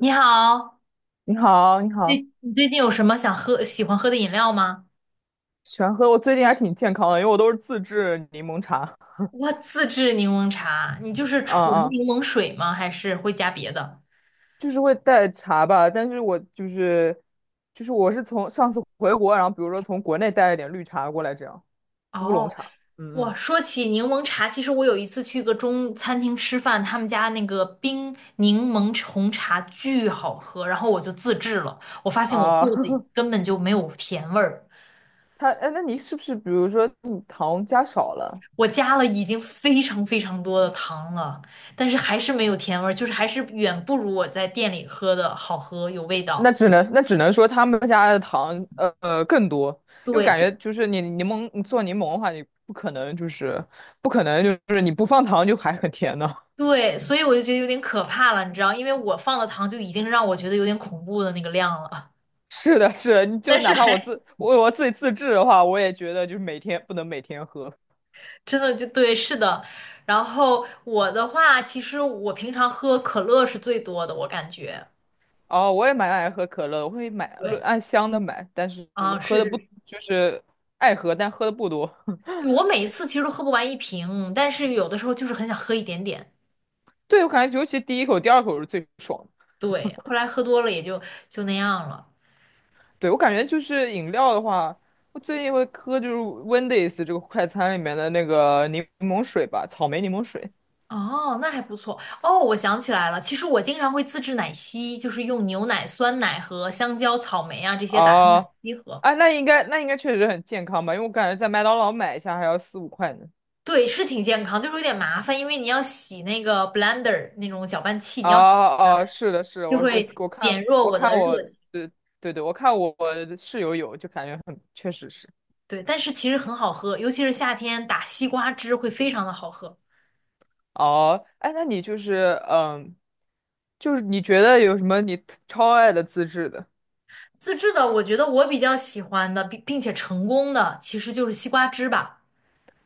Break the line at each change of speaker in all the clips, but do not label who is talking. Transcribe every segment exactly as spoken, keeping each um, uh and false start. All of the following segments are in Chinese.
你好，
你好，你
最
好，
你最近有什么想喝、喜欢喝的饮料吗？
喜欢喝。我最近还挺健康的，因为我都是自制柠檬茶。
我自制柠檬茶，你就是
嗯
纯
嗯，
柠檬水吗？还是会加别的？
就是会带茶吧，但是我就是就是我是从上次回国，然后比如说从国内带了点绿茶过来，这样乌龙
哦，
茶。嗯
我
嗯
说起柠檬茶，其实我有一次去一个中餐厅吃饭，他们家那个冰柠檬红茶巨好喝，然后我就自制了，我发现我做
啊，
的 根本就没有甜味儿，
他哎，那你是不是比如说你糖加少了？
我加了已经非常非常多的糖了，但是还是没有甜味儿，就是还是远不如我在店里喝的好喝，有味
那
道。
只能那只能说他们家的糖呃呃更多，因为
对，
感
就
觉就是你柠檬你做柠檬的话，你不可能就是不可能就是你不放糖就还很甜呢。
对，所以我就觉得有点可怕了，你知道，因为我放的糖就已经让我觉得有点恐怖的那个量了，
是的，是的，你 就
但是
哪怕我
还
自我我自己自制的话，我也觉得就是每天不能每天喝。
真的就对，是的。然后我的话，其实我平常喝可乐是最多的，我感觉。
哦，我也蛮爱喝可乐的我会买论
对，
按箱的买，但是
啊，
喝
是
的不
是，
就是爱喝，但喝的不多。
是 我每一次其实都喝不完一瓶，但是有的时候就是很想喝一点点。
对，我感觉尤其第一口、第二口是最爽的。
对，后来喝多了也就就那样了。
对，我感觉就是饮料的话，我最近会喝就是 Wendy's 这个快餐里面的那个柠檬水吧，草莓柠檬水。
哦，那还不错。哦，我想起来了，其实我经常会自制奶昔，就是用牛奶、酸奶和香蕉、草莓啊这些打成
啊，
奶昔喝。
啊，那应该那应该确实很健康吧，因为我感觉在麦当劳买一下还要四五块呢。
对，是挺健康，就是有点麻烦，因为你要洗那个 blender 那种搅拌器，你
啊
要洗
啊，是的，是的我
就
我
会
我看
减弱
我
我
看
的
我，
热情。
对对对，我看我我室友有，就感觉很，确实是。
对，但是其实很好喝，尤其是夏天打西瓜汁会非常的好喝。
哦，哎，那你就是嗯，就是你觉得有什么你特超爱的自制的？
自制的，我觉得我比较喜欢的，并并且成功的，其实就是西瓜汁吧，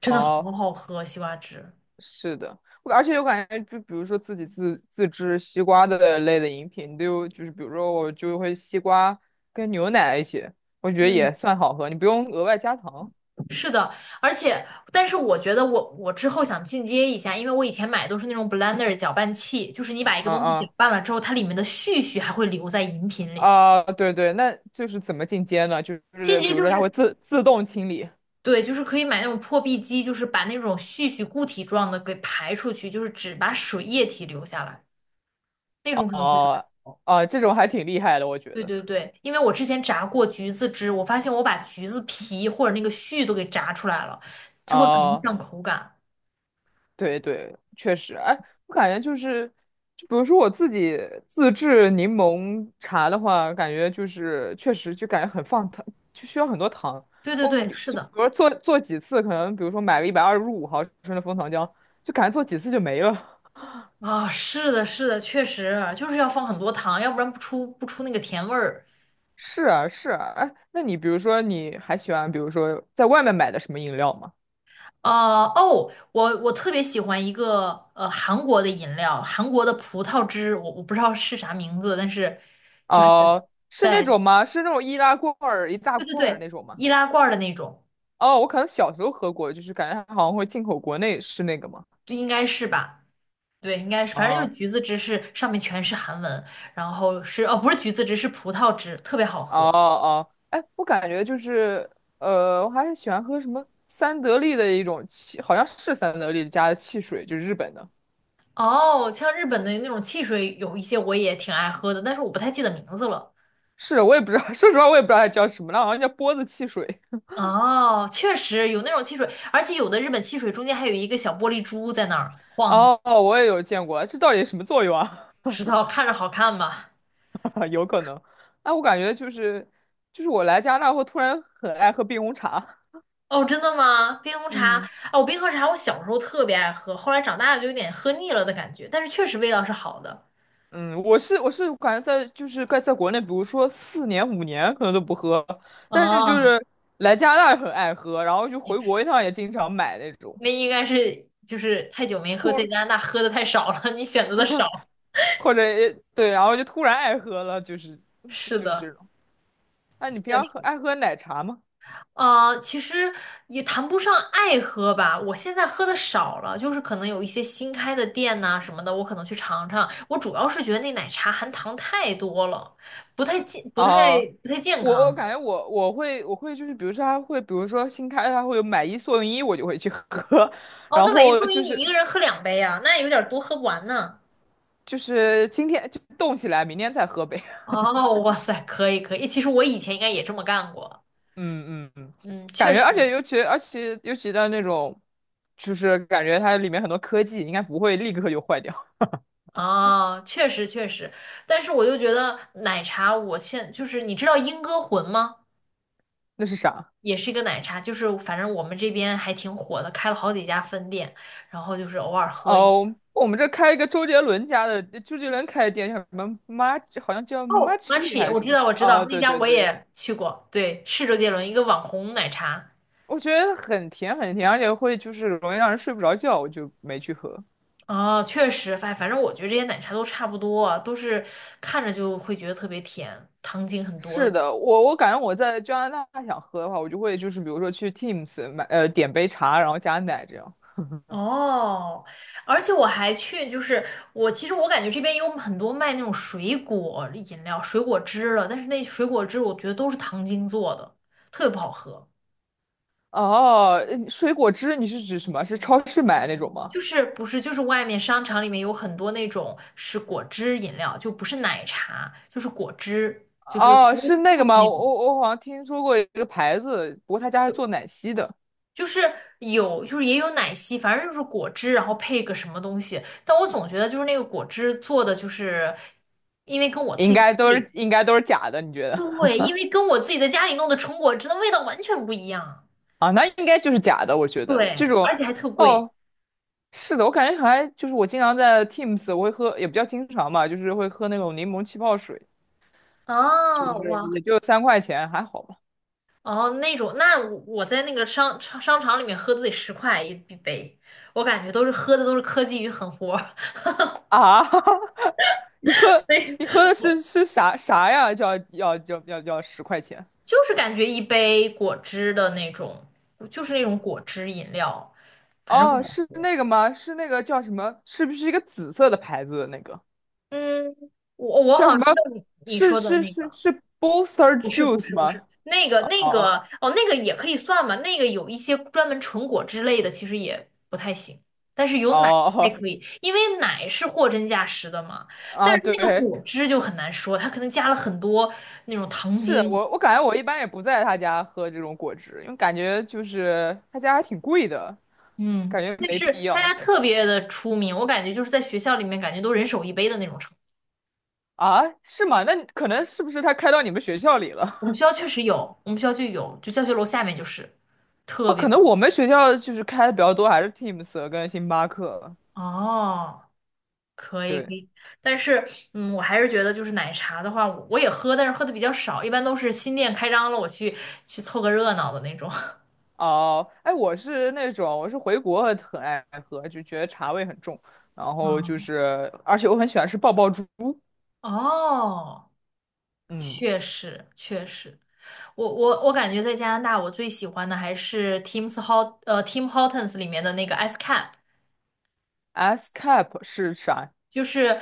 真的
哦，
好好喝，西瓜汁。
是的，我而且我感觉就比如说自己自自制西瓜的类的饮品，就就是比如说我就会西瓜跟牛奶一起，我觉得也
嗯。
算好喝，你不用额外加糖。
是的，而且，但是我觉得我我之后想进阶一下，因为我以前买的都是那种 blender 搅拌器，就是你把一个
嗯
东西搅
嗯
拌了之后，它里面的絮絮还会留在饮品里。
啊，对对，那就是怎么进阶呢？就
进
是
阶
比如
就
说它会
是
自自动清理。
对，就是可以买那种破壁机，就是把那种絮絮固体状的给排出去，就是只把水液体留下来，那种可能会更
啊
好。
啊，这种还挺厉害的，我觉
对
得。
对对，因为我之前炸过橘子汁，我发现我把橘子皮或者那个絮都给炸出来了，就会很影
啊，
响口感。
对对，确实，哎，我感觉就是，就比如说我自己自制柠檬茶的话，感觉就是确实就感觉很放糖，就需要很多糖。
对对
我
对，
你
是
就比
的。
如说做做几次，可能比如说买了一百二十五毫升的枫糖浆，就感觉做几次就没了。
啊，是的，是的，确实啊就是要放很多糖，要不然不出不出那个甜味儿。
是啊，是啊，哎，那你比如说，你还喜欢，比如说在外面买的什么饮料吗？
啊哦，我我特别喜欢一个呃韩国的饮料，韩国的葡萄汁，我我不知道是啥名字，但是就是
哦、是那
在
种吗？是那种易拉罐儿一大
对对
罐儿
对
那种吗？
易拉罐儿的那种，
哦，我可能小时候喝过，就是感觉它好像会进口国内，是那个吗？
就应该是吧？对，应该是，反正就
哦，
是橘子汁是上面全是韩文，然后是哦不是橘子汁是葡萄汁，特别好
哦
喝。
哦，哎，我感觉就是，呃，我还是喜欢喝什么三得利的一种汽，好像是三得利家的汽水，就是日本的。
哦，像日本的那种汽水有一些我也挺爱喝的，但是我不太记得名字了。
是，我也不知道，说实话，我也不知道它叫什么，那好像叫波子汽水。
哦，确实有那种汽水，而且有的日本汽水中间还有一个小玻璃珠在那儿晃，
哦，我也有见过，这到底什么作用啊？
不知道看着好看吧？
啊，有可能。哎，我感觉就是，就是我来加拿大后突然很爱喝冰红茶。
哦，真的吗？冰红茶，
嗯，
哦，我冰红茶我小时候特别爱喝，后来长大了就有点喝腻了的感觉，但是确实味道是好的。
嗯，我是我是感觉在就是在在国内，比如说四年五年可能都不喝，但是就
哦，
是来加拿大很爱喝，然后就回国一趟也经常买那种。
那应该是就是太久没喝，在
突
加拿大喝的太少了，你选择的少。
或者对，然后就突然爱喝了，就是
是
就是
的，
这种。那你平
确
常喝
实。
爱喝奶茶吗？
呃，其实也谈不上爱喝吧，我现在喝的少了，就是可能有一些新开的店呐、什么的，我可能去尝尝。我主要是觉得那奶茶含糖太多了，不太健，不太
啊，
不太健
我我
康。
感觉我我会我会就是比如说他会比如说新开他会有买一送一，我就会去喝，
哦，
然
那买一
后
送一，
就
你
是
一个人喝两杯啊，那有点多，喝不完呢。
就是今天就冻起来，明天再喝呗。
哦，哇塞，可以可以，其实我以前应该也这么干过，
嗯嗯嗯，
嗯，确
感觉
实。
而且尤其而且尤其的那种，就是感觉它里面很多科技应该不会立刻就坏掉。
哦，确实确实，但是我就觉得奶茶，我现就是你知道英歌魂吗？
那是啥？
也是一个奶茶，就是反正我们这边还挺火的，开了好几家分店，然后就是偶尔喝一。
哦，我们这开一个周杰伦家的，周杰伦开的店叫什么 m a 好像叫
哦
Machi 还
，Matcha,
是
我
什
知
么？
道，我知道，
啊，
那
对
家
对
我
对。
也去过，对，是周杰伦一个网红奶茶。
我觉得很甜很甜，而且会就是容易让人睡不着觉，我就没去喝。
哦，确实，反反正我觉得这些奶茶都差不多啊，都是看着就会觉得特别甜，糖精很多
是
的。
的，我我感觉我在加拿大想喝的话，我就会就是比如说去 Teams 买呃点杯茶，然后加奶这样。
哦，而且我还去，就是我其实我感觉这边有很多卖那种水果饮料、水果汁了，但是那水果汁我觉得都是糖精做的，特别不好喝。
哦，呃水果汁你是指什么？是超市买的那种吗？
就是不是就是外面商场里面有很多那种是果汁饮料，就不是奶茶，就是果汁，就是
哦，
服务
是那个
juice
吗？
那
我
种，
我我好像听说过一个牌子，不过他家是做奶昔的，
就是有就是也有奶昔，反正就是果汁，然后配个什么东西。但我总觉得就是那个果汁做的就是，因为跟我
应
自己的
该
家
都是
里，
应该都是假的，你觉得？
对，因为跟我自己在家里弄的纯果汁的味道完全不一样，
啊，那应该就是假的，我觉得这
对，
种。
而且还特贵。
哦，是的，我感觉还就是我经常在 Teams，我会喝，也不叫经常吧，就是会喝那种柠檬气泡水，就
啊！
是
哇，
也就三块钱，还好吧。
哦，那种，那我在那个商商商场里面喝都得十块一一杯，我感觉都是喝的都是科技与狠活儿
啊，你 喝
所以
你喝的
我
是是啥啥呀？叫要要要要十块钱？
就是感觉一杯果汁的那种，就是那种果汁饮料，反正不
哦，
好
是
喝。
那个吗？是那个叫什么？是不是一个紫色的牌子的那个？
嗯，我我
叫
好
什
像
么？
知道你你
是
说的
是
那
是
个。
是 Booster
不是不
Juice
是不是，
吗？
那个那
哦
个哦，那个也可以算吧。那个有一些专门纯果汁类的，其实也不太行，但是
哦
有奶还
哦。
可以，因为奶是货真价实的嘛。但
啊，
是它那个
对，
果汁就很难说，它可能加了很多那种糖
是
精，
我，我感觉我一般也不在他家喝这种果汁，因为感觉就是他家还挺贵的，
嗯，
感觉
但
没必
是他家
要。
特别的出名，我感觉就是在学校里面感觉都人手一杯的那种程度。
啊？是吗？那可能是不是他开到你们学校里了？
我们学校确实有，我们学校就有，就教学楼下面就是 特
哦，可
别
能我们学校就是开的比较多，还是 Teams 跟星巴克。
哦。可以
对，
可以，但是嗯，我还是觉得就是奶茶的话，我也喝，但是喝的比较少，一般都是新店开张了，我去去凑个热闹的那种。
哦，哎，我是那种，我是回国很爱喝，就觉得茶味很重，然后就
嗯，
是，而且我很喜欢吃爆爆珠。
哦，
嗯
确实确实，我我我感觉在加拿大，我最喜欢的还是 Tim's Hot 呃 Tim Hortons 里面的那个 Ice Cap,
，S cap 是啥？
就是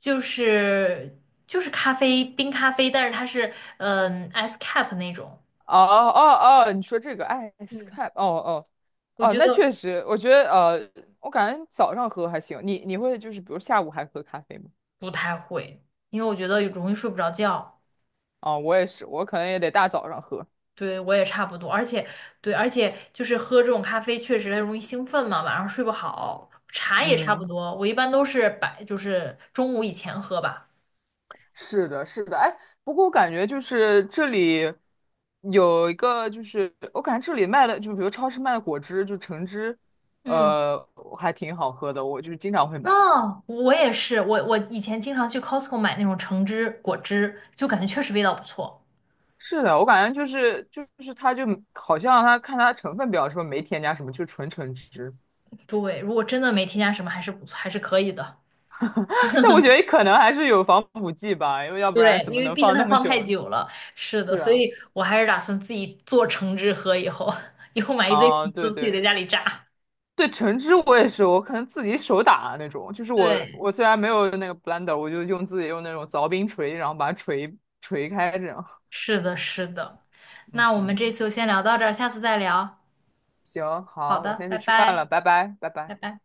就是就是咖啡冰咖啡，但是它是嗯 Ice Cap 那种，
哦哦哦，你说这个 S
嗯，
cap，哦哦。
我
哦，
觉
那确
得
实，我觉得呃，我感觉早上喝还行。你你会就是比如下午还喝咖啡吗？
不太会，因为我觉得容易睡不着觉。
啊、我也是，我可能也得大早上喝。
对，我也差不多，而且对，而且就是喝这种咖啡确实容易兴奋嘛，晚上睡不好。茶也差不
嗯，
多，我一般都是白，就是中午以前喝吧。
是的，是的。哎，不过我感觉就是这里有一个，就是我感觉这里卖的，就比如超市卖的果汁，就橙汁，
嗯，
呃，还挺好喝的，我就是经常会买。
哦，我也是，我我以前经常去 Costco 买那种橙汁、果汁，就感觉确实味道不错。
是的，我感觉就是就是它就好像它看它成分表说没添加什么，就纯橙汁。
对，如果真的没添加什么，还是不错，还是可以的。
但我觉得可能还是有防腐剂吧，因为要不然
对，
怎
因
么
为
能
毕竟
放
它
那么
放太
久呢？
久了，是的，
是
所
啊，
以我还是打算自己做橙汁喝，以后 以后买一堆橙
啊，对
汁自己
对
在家里榨。
对，橙汁我也是，我可能自己手打那种，就是我
对。
我虽然没有那个 blender，我就用自己用那种凿冰锤，然后把它锤锤开这样。
是的，是的。
嗯
那我们
嗯，
这次就先聊到这儿，下次再聊。
行，
好
好，我
的，
先
拜
去吃饭
拜，
了，拜拜，拜拜。
拜拜。